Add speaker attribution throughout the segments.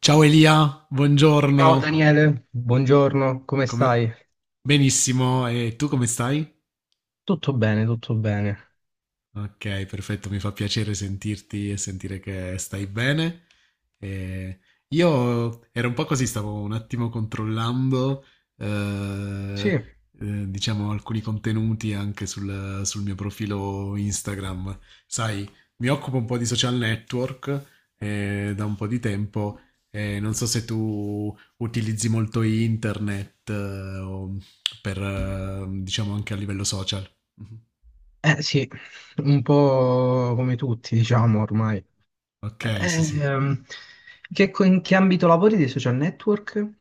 Speaker 1: Ciao Elia,
Speaker 2: Ciao
Speaker 1: buongiorno.
Speaker 2: Daniele, buongiorno, come
Speaker 1: Come-
Speaker 2: stai?
Speaker 1: Benissimo, e tu come stai?
Speaker 2: Tutto bene, tutto bene.
Speaker 1: Ok, perfetto, mi fa piacere sentirti e sentire che stai bene. E io ero un po' così, stavo un attimo controllando,
Speaker 2: Sì,
Speaker 1: eh,
Speaker 2: eh
Speaker 1: diciamo, alcuni contenuti anche sul mio profilo Instagram. Sai, mi occupo un po' di social network da un po' di tempo e non so se tu utilizzi molto internet o diciamo, anche a livello social. Mhm.
Speaker 2: sì, un po' come tutti, diciamo ormai.
Speaker 1: Ok, sì, sì.
Speaker 2: Ehm, in che ambito lavori dei social network?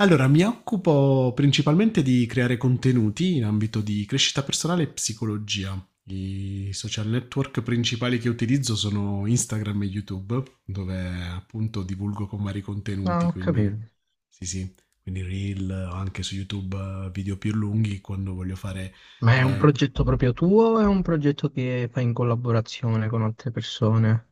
Speaker 1: Allora, mi occupo principalmente di creare contenuti in ambito di crescita personale e psicologia. I social network principali che utilizzo sono Instagram e YouTube, dove appunto divulgo con vari
Speaker 2: Ah,
Speaker 1: contenuti,
Speaker 2: ho
Speaker 1: quindi
Speaker 2: capito.
Speaker 1: sì, sì, quindi reel o anche su YouTube video più lunghi quando voglio fare
Speaker 2: Ma è un
Speaker 1: eh,
Speaker 2: progetto proprio tuo o è un progetto che fai in collaborazione con altre persone?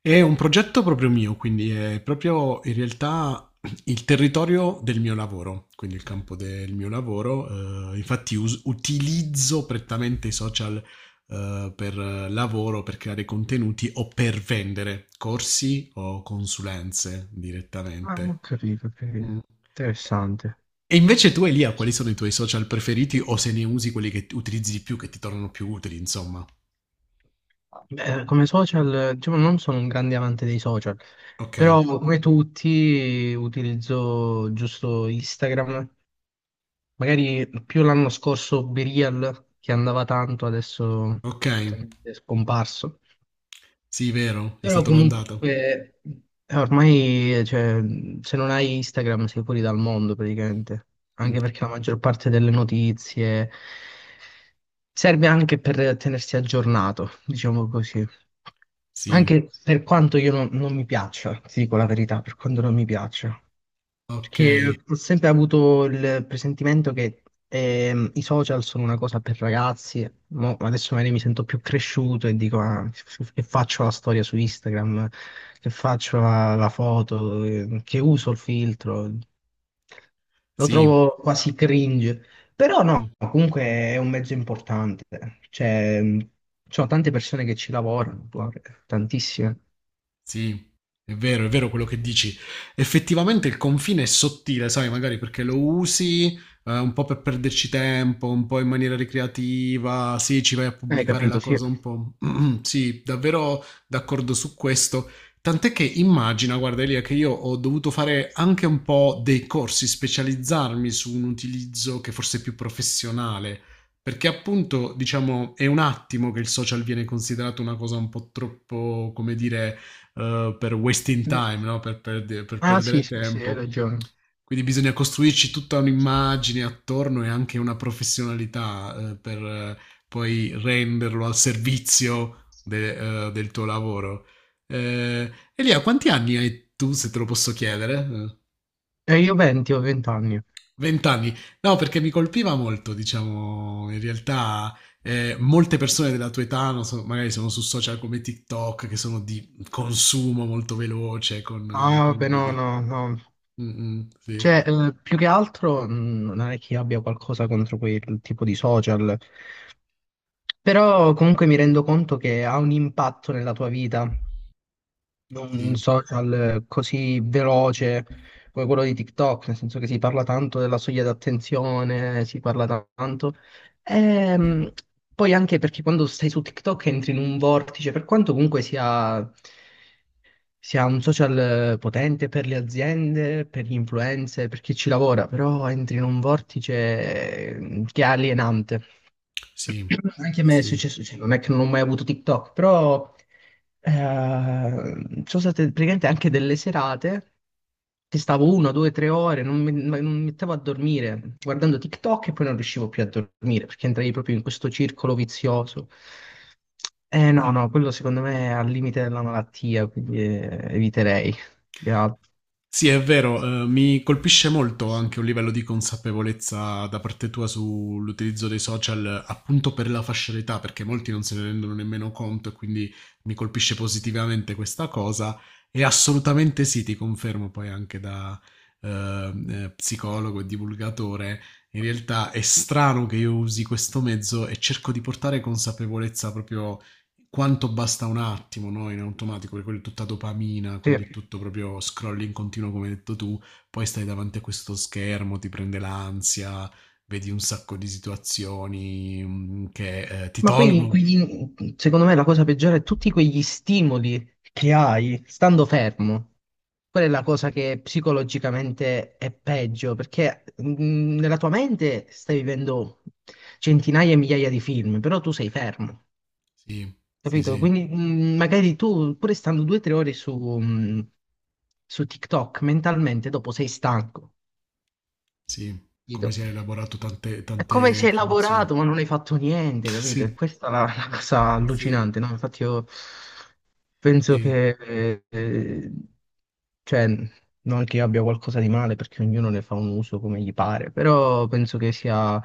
Speaker 1: È un progetto proprio mio, quindi è proprio in realtà il territorio del mio lavoro, quindi il campo del mio lavoro. Infatti utilizzo prettamente i social per lavoro, per creare contenuti o per vendere corsi o consulenze
Speaker 2: Ah,
Speaker 1: direttamente.
Speaker 2: ho capito, ho
Speaker 1: Mm.
Speaker 2: capito. Interessante.
Speaker 1: E invece tu, Elia, quali sono i tuoi social preferiti o se ne usi quelli che utilizzi di più, che ti tornano più utili, insomma?
Speaker 2: Beh, come social, diciamo, non sono un grande amante dei social,
Speaker 1: Ok,
Speaker 2: però come tutti utilizzo giusto Instagram, magari più l'anno scorso BeReal che andava tanto, adesso
Speaker 1: ok,
Speaker 2: totalmente scomparso.
Speaker 1: sì, vero, è
Speaker 2: Però
Speaker 1: stato
Speaker 2: comunque
Speaker 1: inondato.
Speaker 2: ormai, cioè, se non hai Instagram sei fuori dal mondo praticamente, anche perché la maggior parte delle notizie serve anche per tenersi aggiornato, diciamo così.
Speaker 1: Sì,
Speaker 2: Anche per quanto io non mi piaccia, ti dico la verità, per quanto non mi piaccia. Perché
Speaker 1: okay,
Speaker 2: ho sempre avuto il presentimento che i social sono una cosa per ragazzi, mo adesso magari mi sento più cresciuto e dico: "Ah, che faccio la storia su Instagram, che faccio la foto, che uso il filtro", lo
Speaker 1: sì,
Speaker 2: trovo quasi cringe, però
Speaker 1: mh.
Speaker 2: no, comunque è un mezzo importante, cioè, ci sono tante persone che ci lavorano, guarda, tantissime.
Speaker 1: Sì, è vero quello che dici. Effettivamente il confine è sottile, sai, magari perché lo usi un po' per perderci tempo, un po' in maniera ricreativa, sì, ci vai a
Speaker 2: Hai
Speaker 1: pubblicare la
Speaker 2: capito, sì.
Speaker 1: cosa un po'. Sì, davvero d'accordo su questo. Tant'è che immagina, guarda Elia, che io ho dovuto fare anche un po' dei corsi, specializzarmi su un utilizzo che forse è più professionale, perché appunto, diciamo, è un attimo che il social viene considerato una cosa un po' troppo, come dire per wasting time, no? Per per
Speaker 2: Ah sì,
Speaker 1: perdere
Speaker 2: sì, sì, hai
Speaker 1: tempo.
Speaker 2: ragione.
Speaker 1: Quindi bisogna costruirci tutta un'immagine attorno e anche una professionalità per poi renderlo al servizio del tuo lavoro. Elia, quanti anni hai tu, se te lo posso chiedere?
Speaker 2: E io 20, ho 20 anni.
Speaker 1: 20 anni. No, perché mi colpiva molto, diciamo, in realtà molte persone della tua età, non so, magari sono su social come TikTok, che sono di consumo molto veloce con, eh,
Speaker 2: Ah,
Speaker 1: con
Speaker 2: vabbè, no,
Speaker 1: video.
Speaker 2: no, no.
Speaker 1: Mh-mh, sì,
Speaker 2: Cioè, più che altro, non è che abbia qualcosa contro quel tipo di social, però comunque mi rendo conto che ha un impatto nella tua vita, un
Speaker 1: sì,
Speaker 2: social così veloce come quello di TikTok, nel senso che si parla tanto della soglia d'attenzione, si parla tanto. Ehm, poi anche perché quando stai su TikTok entri in un vortice, per quanto comunque sia un social potente per le aziende, per gli influencer, per chi ci lavora, però entri in un vortice che è alienante.
Speaker 1: sì,
Speaker 2: Anche a me è
Speaker 1: sì.
Speaker 2: successo, cioè, non è che non ho mai avuto TikTok, però eh, ci sono state praticamente anche delle serate che stavo una, due, tre ore, non mi, ma non mi mettevo a dormire guardando TikTok e poi non riuscivo più a dormire perché entrai proprio in questo circolo vizioso. Eh no, no, quello secondo me è al limite della malattia, quindi eviterei più che altro.
Speaker 1: Sì, è vero, mi colpisce molto anche un livello di consapevolezza da parte tua sull'utilizzo dei social, appunto per la fascia d'età, perché molti non se ne rendono nemmeno conto e quindi mi colpisce positivamente questa cosa. E assolutamente sì, ti confermo poi anche da, psicologo e divulgatore, in realtà è strano che io usi questo mezzo e cerco di portare consapevolezza proprio quanto basta un attimo, no? In automatico, perché quella è tutta dopamina,
Speaker 2: Sì.
Speaker 1: quindi è tutto proprio scroll in continuo, come hai detto tu, poi stai davanti a questo schermo, ti prende l'ansia, vedi un sacco di situazioni che ti
Speaker 2: Ma poi,
Speaker 1: tolgono.
Speaker 2: secondo me, la cosa peggiore è tutti quegli stimoli che hai stando fermo. Quella è la cosa che psicologicamente è peggio, perché nella tua mente stai vivendo centinaia e migliaia di film, però tu sei fermo,
Speaker 1: Sì, sì,
Speaker 2: capito?
Speaker 1: sì,
Speaker 2: Quindi magari tu, pure stando due o tre ore su, su TikTok, mentalmente dopo sei stanco,
Speaker 1: sì, come
Speaker 2: capito?
Speaker 1: si è elaborato tante,
Speaker 2: È
Speaker 1: tante
Speaker 2: come se hai
Speaker 1: informazioni.
Speaker 2: lavorato ma non hai fatto niente, capito? E
Speaker 1: Sì,
Speaker 2: questa è la cosa
Speaker 1: sì,
Speaker 2: allucinante, no? Infatti io penso
Speaker 1: sì,
Speaker 2: che, cioè, non che io abbia qualcosa di male perché ognuno ne fa un uso come gli pare, però penso che sia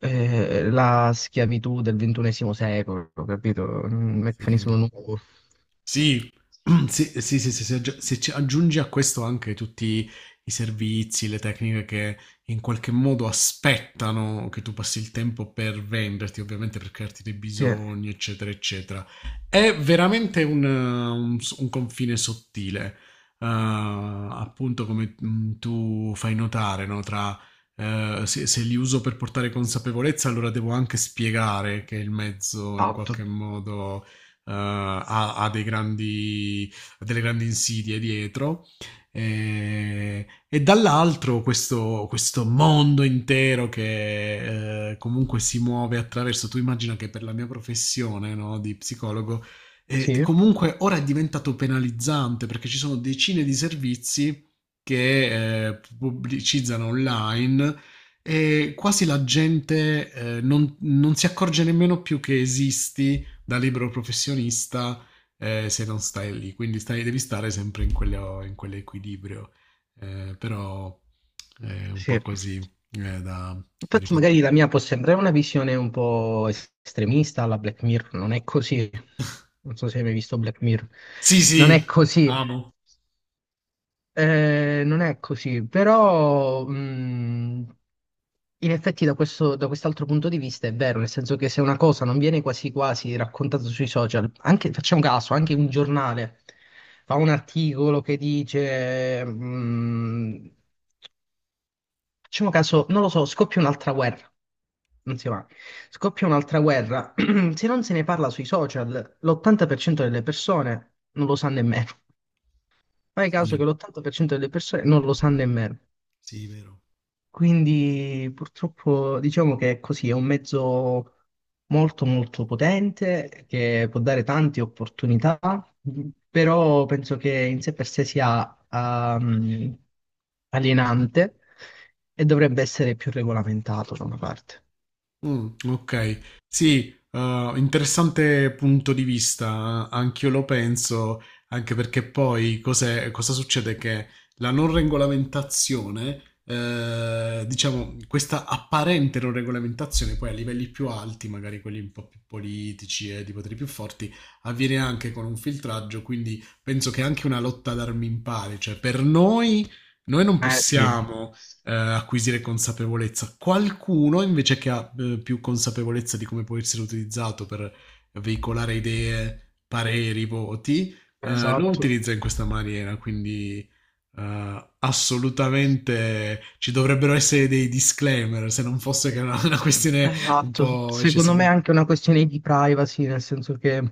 Speaker 2: la schiavitù del ventunesimo secolo, capito? Un meccanismo
Speaker 1: sì.
Speaker 2: nuovo.
Speaker 1: Sì, sì, sì, sì, sì, se ci aggiungi a questo anche tutti i servizi, le tecniche che in qualche modo aspettano che tu passi il tempo per venderti, ovviamente per crearti dei
Speaker 2: Sì,
Speaker 1: bisogni, eccetera, eccetera. È veramente un confine sottile, appunto come tu fai notare, no? Tra se li uso per portare consapevolezza, allora devo anche spiegare che il mezzo in qualche
Speaker 2: esatto.
Speaker 1: modo eh, ha, ha dei grandi, ha delle grandi insidie dietro. E dall'altro questo mondo intero che comunque si muove attraverso, tu immagina che per la mia professione no, di psicologo,
Speaker 2: Sì,
Speaker 1: comunque ora è diventato penalizzante perché ci sono decine di servizi che pubblicizzano online e quasi la gente non si accorge nemmeno più che esisti da libero professionista se non stai lì, quindi devi stare sempre in quell'equilibrio, però è un po'
Speaker 2: sì.
Speaker 1: così da
Speaker 2: Infatti
Speaker 1: riflettere.
Speaker 2: magari la mia può sembrare una visione un po' estremista alla Black Mirror, non è così. Non so se hai mai visto Black Mirror.
Speaker 1: Sì,
Speaker 2: Non
Speaker 1: sì,
Speaker 2: è così,
Speaker 1: amo.
Speaker 2: non è così, però in effetti da questo, da quest'altro punto di vista è vero, nel senso che se una cosa non viene quasi quasi raccontata sui social, anche, facciamo caso, anche un giornale fa un articolo che dice. Facciamo caso, non lo so, scoppia un'altra guerra. Non si va. Scoppia un'altra guerra. Se non se ne parla sui social, l'80% delle persone non lo sa nemmeno. Fai caso che
Speaker 1: Sì,
Speaker 2: l'80% delle persone non lo sa nemmeno.
Speaker 1: sì, vero.
Speaker 2: Quindi purtroppo diciamo che è così, è un mezzo molto molto potente che può dare tante opportunità, però penso che in sé per sé sia alienante e dovrebbe essere più regolamentato da una parte.
Speaker 1: Okay. Sì, interessante punto di vista, anch'io lo penso, anche perché poi cos'è cosa succede, che la non regolamentazione diciamo questa apparente non regolamentazione poi a livelli più alti, magari quelli un po' più politici e di poteri più forti, avviene anche con un filtraggio, quindi penso che è anche una lotta ad armi impari, cioè per noi non
Speaker 2: Eh sì,
Speaker 1: possiamo acquisire consapevolezza. Qualcuno invece che ha più consapevolezza di come può essere utilizzato per veicolare idee, pareri, voti, lo
Speaker 2: esatto.
Speaker 1: utilizza in questa maniera, quindi assolutamente ci dovrebbero essere dei disclaimer, se non fosse che è una questione un
Speaker 2: Esatto,
Speaker 1: po'
Speaker 2: secondo me è
Speaker 1: eccessivamente.
Speaker 2: anche una questione di privacy, nel senso che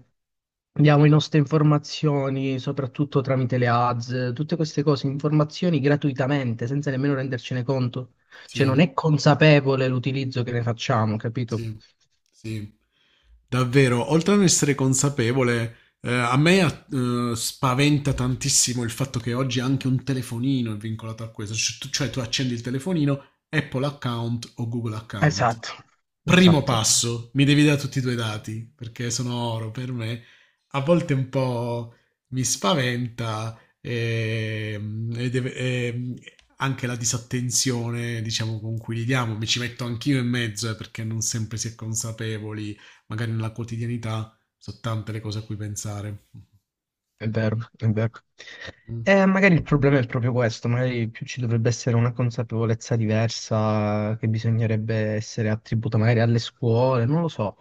Speaker 2: diamo le nostre informazioni, soprattutto tramite le ads, tutte queste cose, informazioni gratuitamente, senza nemmeno rendercene conto. Cioè non
Speaker 1: Sì,
Speaker 2: è consapevole l'utilizzo che ne facciamo, capito?
Speaker 1: sì, sì. Davvero, oltre a non essere consapevole, a me spaventa tantissimo il fatto che oggi anche un telefonino è vincolato a questo, cioè tu accendi il telefonino, Apple account o Google account.
Speaker 2: Esatto,
Speaker 1: Primo
Speaker 2: esatto,
Speaker 1: passo, mi devi dare tutti i tuoi dati, perché sono oro per me. A volte un po' mi spaventa e anche la disattenzione, diciamo, con cui li diamo. Mi ci metto anch'io in mezzo, perché non sempre si è consapevoli, magari nella quotidianità sono tante le cose a cui pensare.
Speaker 2: è vero, è vero.
Speaker 1: Mm,
Speaker 2: Magari il problema è proprio questo, magari più ci dovrebbe essere una consapevolezza diversa che bisognerebbe essere attribuita magari alle scuole, non lo so.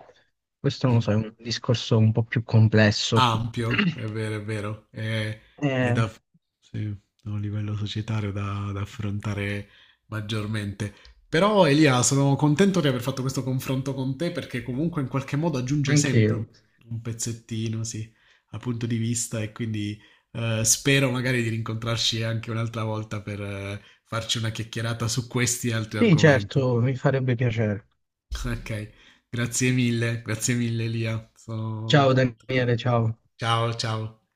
Speaker 2: Questo non lo
Speaker 1: sì.
Speaker 2: so, è un discorso un po' più complesso.
Speaker 1: Ampio, è vero, è vero. È da,
Speaker 2: Eh,
Speaker 1: sì, da un livello societario da affrontare maggiormente. Però Elia, sono contento di aver fatto questo confronto con te perché comunque in qualche modo aggiunge
Speaker 2: anche
Speaker 1: sempre un,
Speaker 2: io.
Speaker 1: un pezzettino, sì, al punto di vista e quindi spero magari di rincontrarci anche un'altra volta per farci una chiacchierata su questi e altri
Speaker 2: Sì,
Speaker 1: argomenti.
Speaker 2: certo, mi farebbe piacere.
Speaker 1: Ok, grazie mille Elia, sono
Speaker 2: Ciao
Speaker 1: contento.
Speaker 2: Daniele, ciao.
Speaker 1: Ciao, ciao.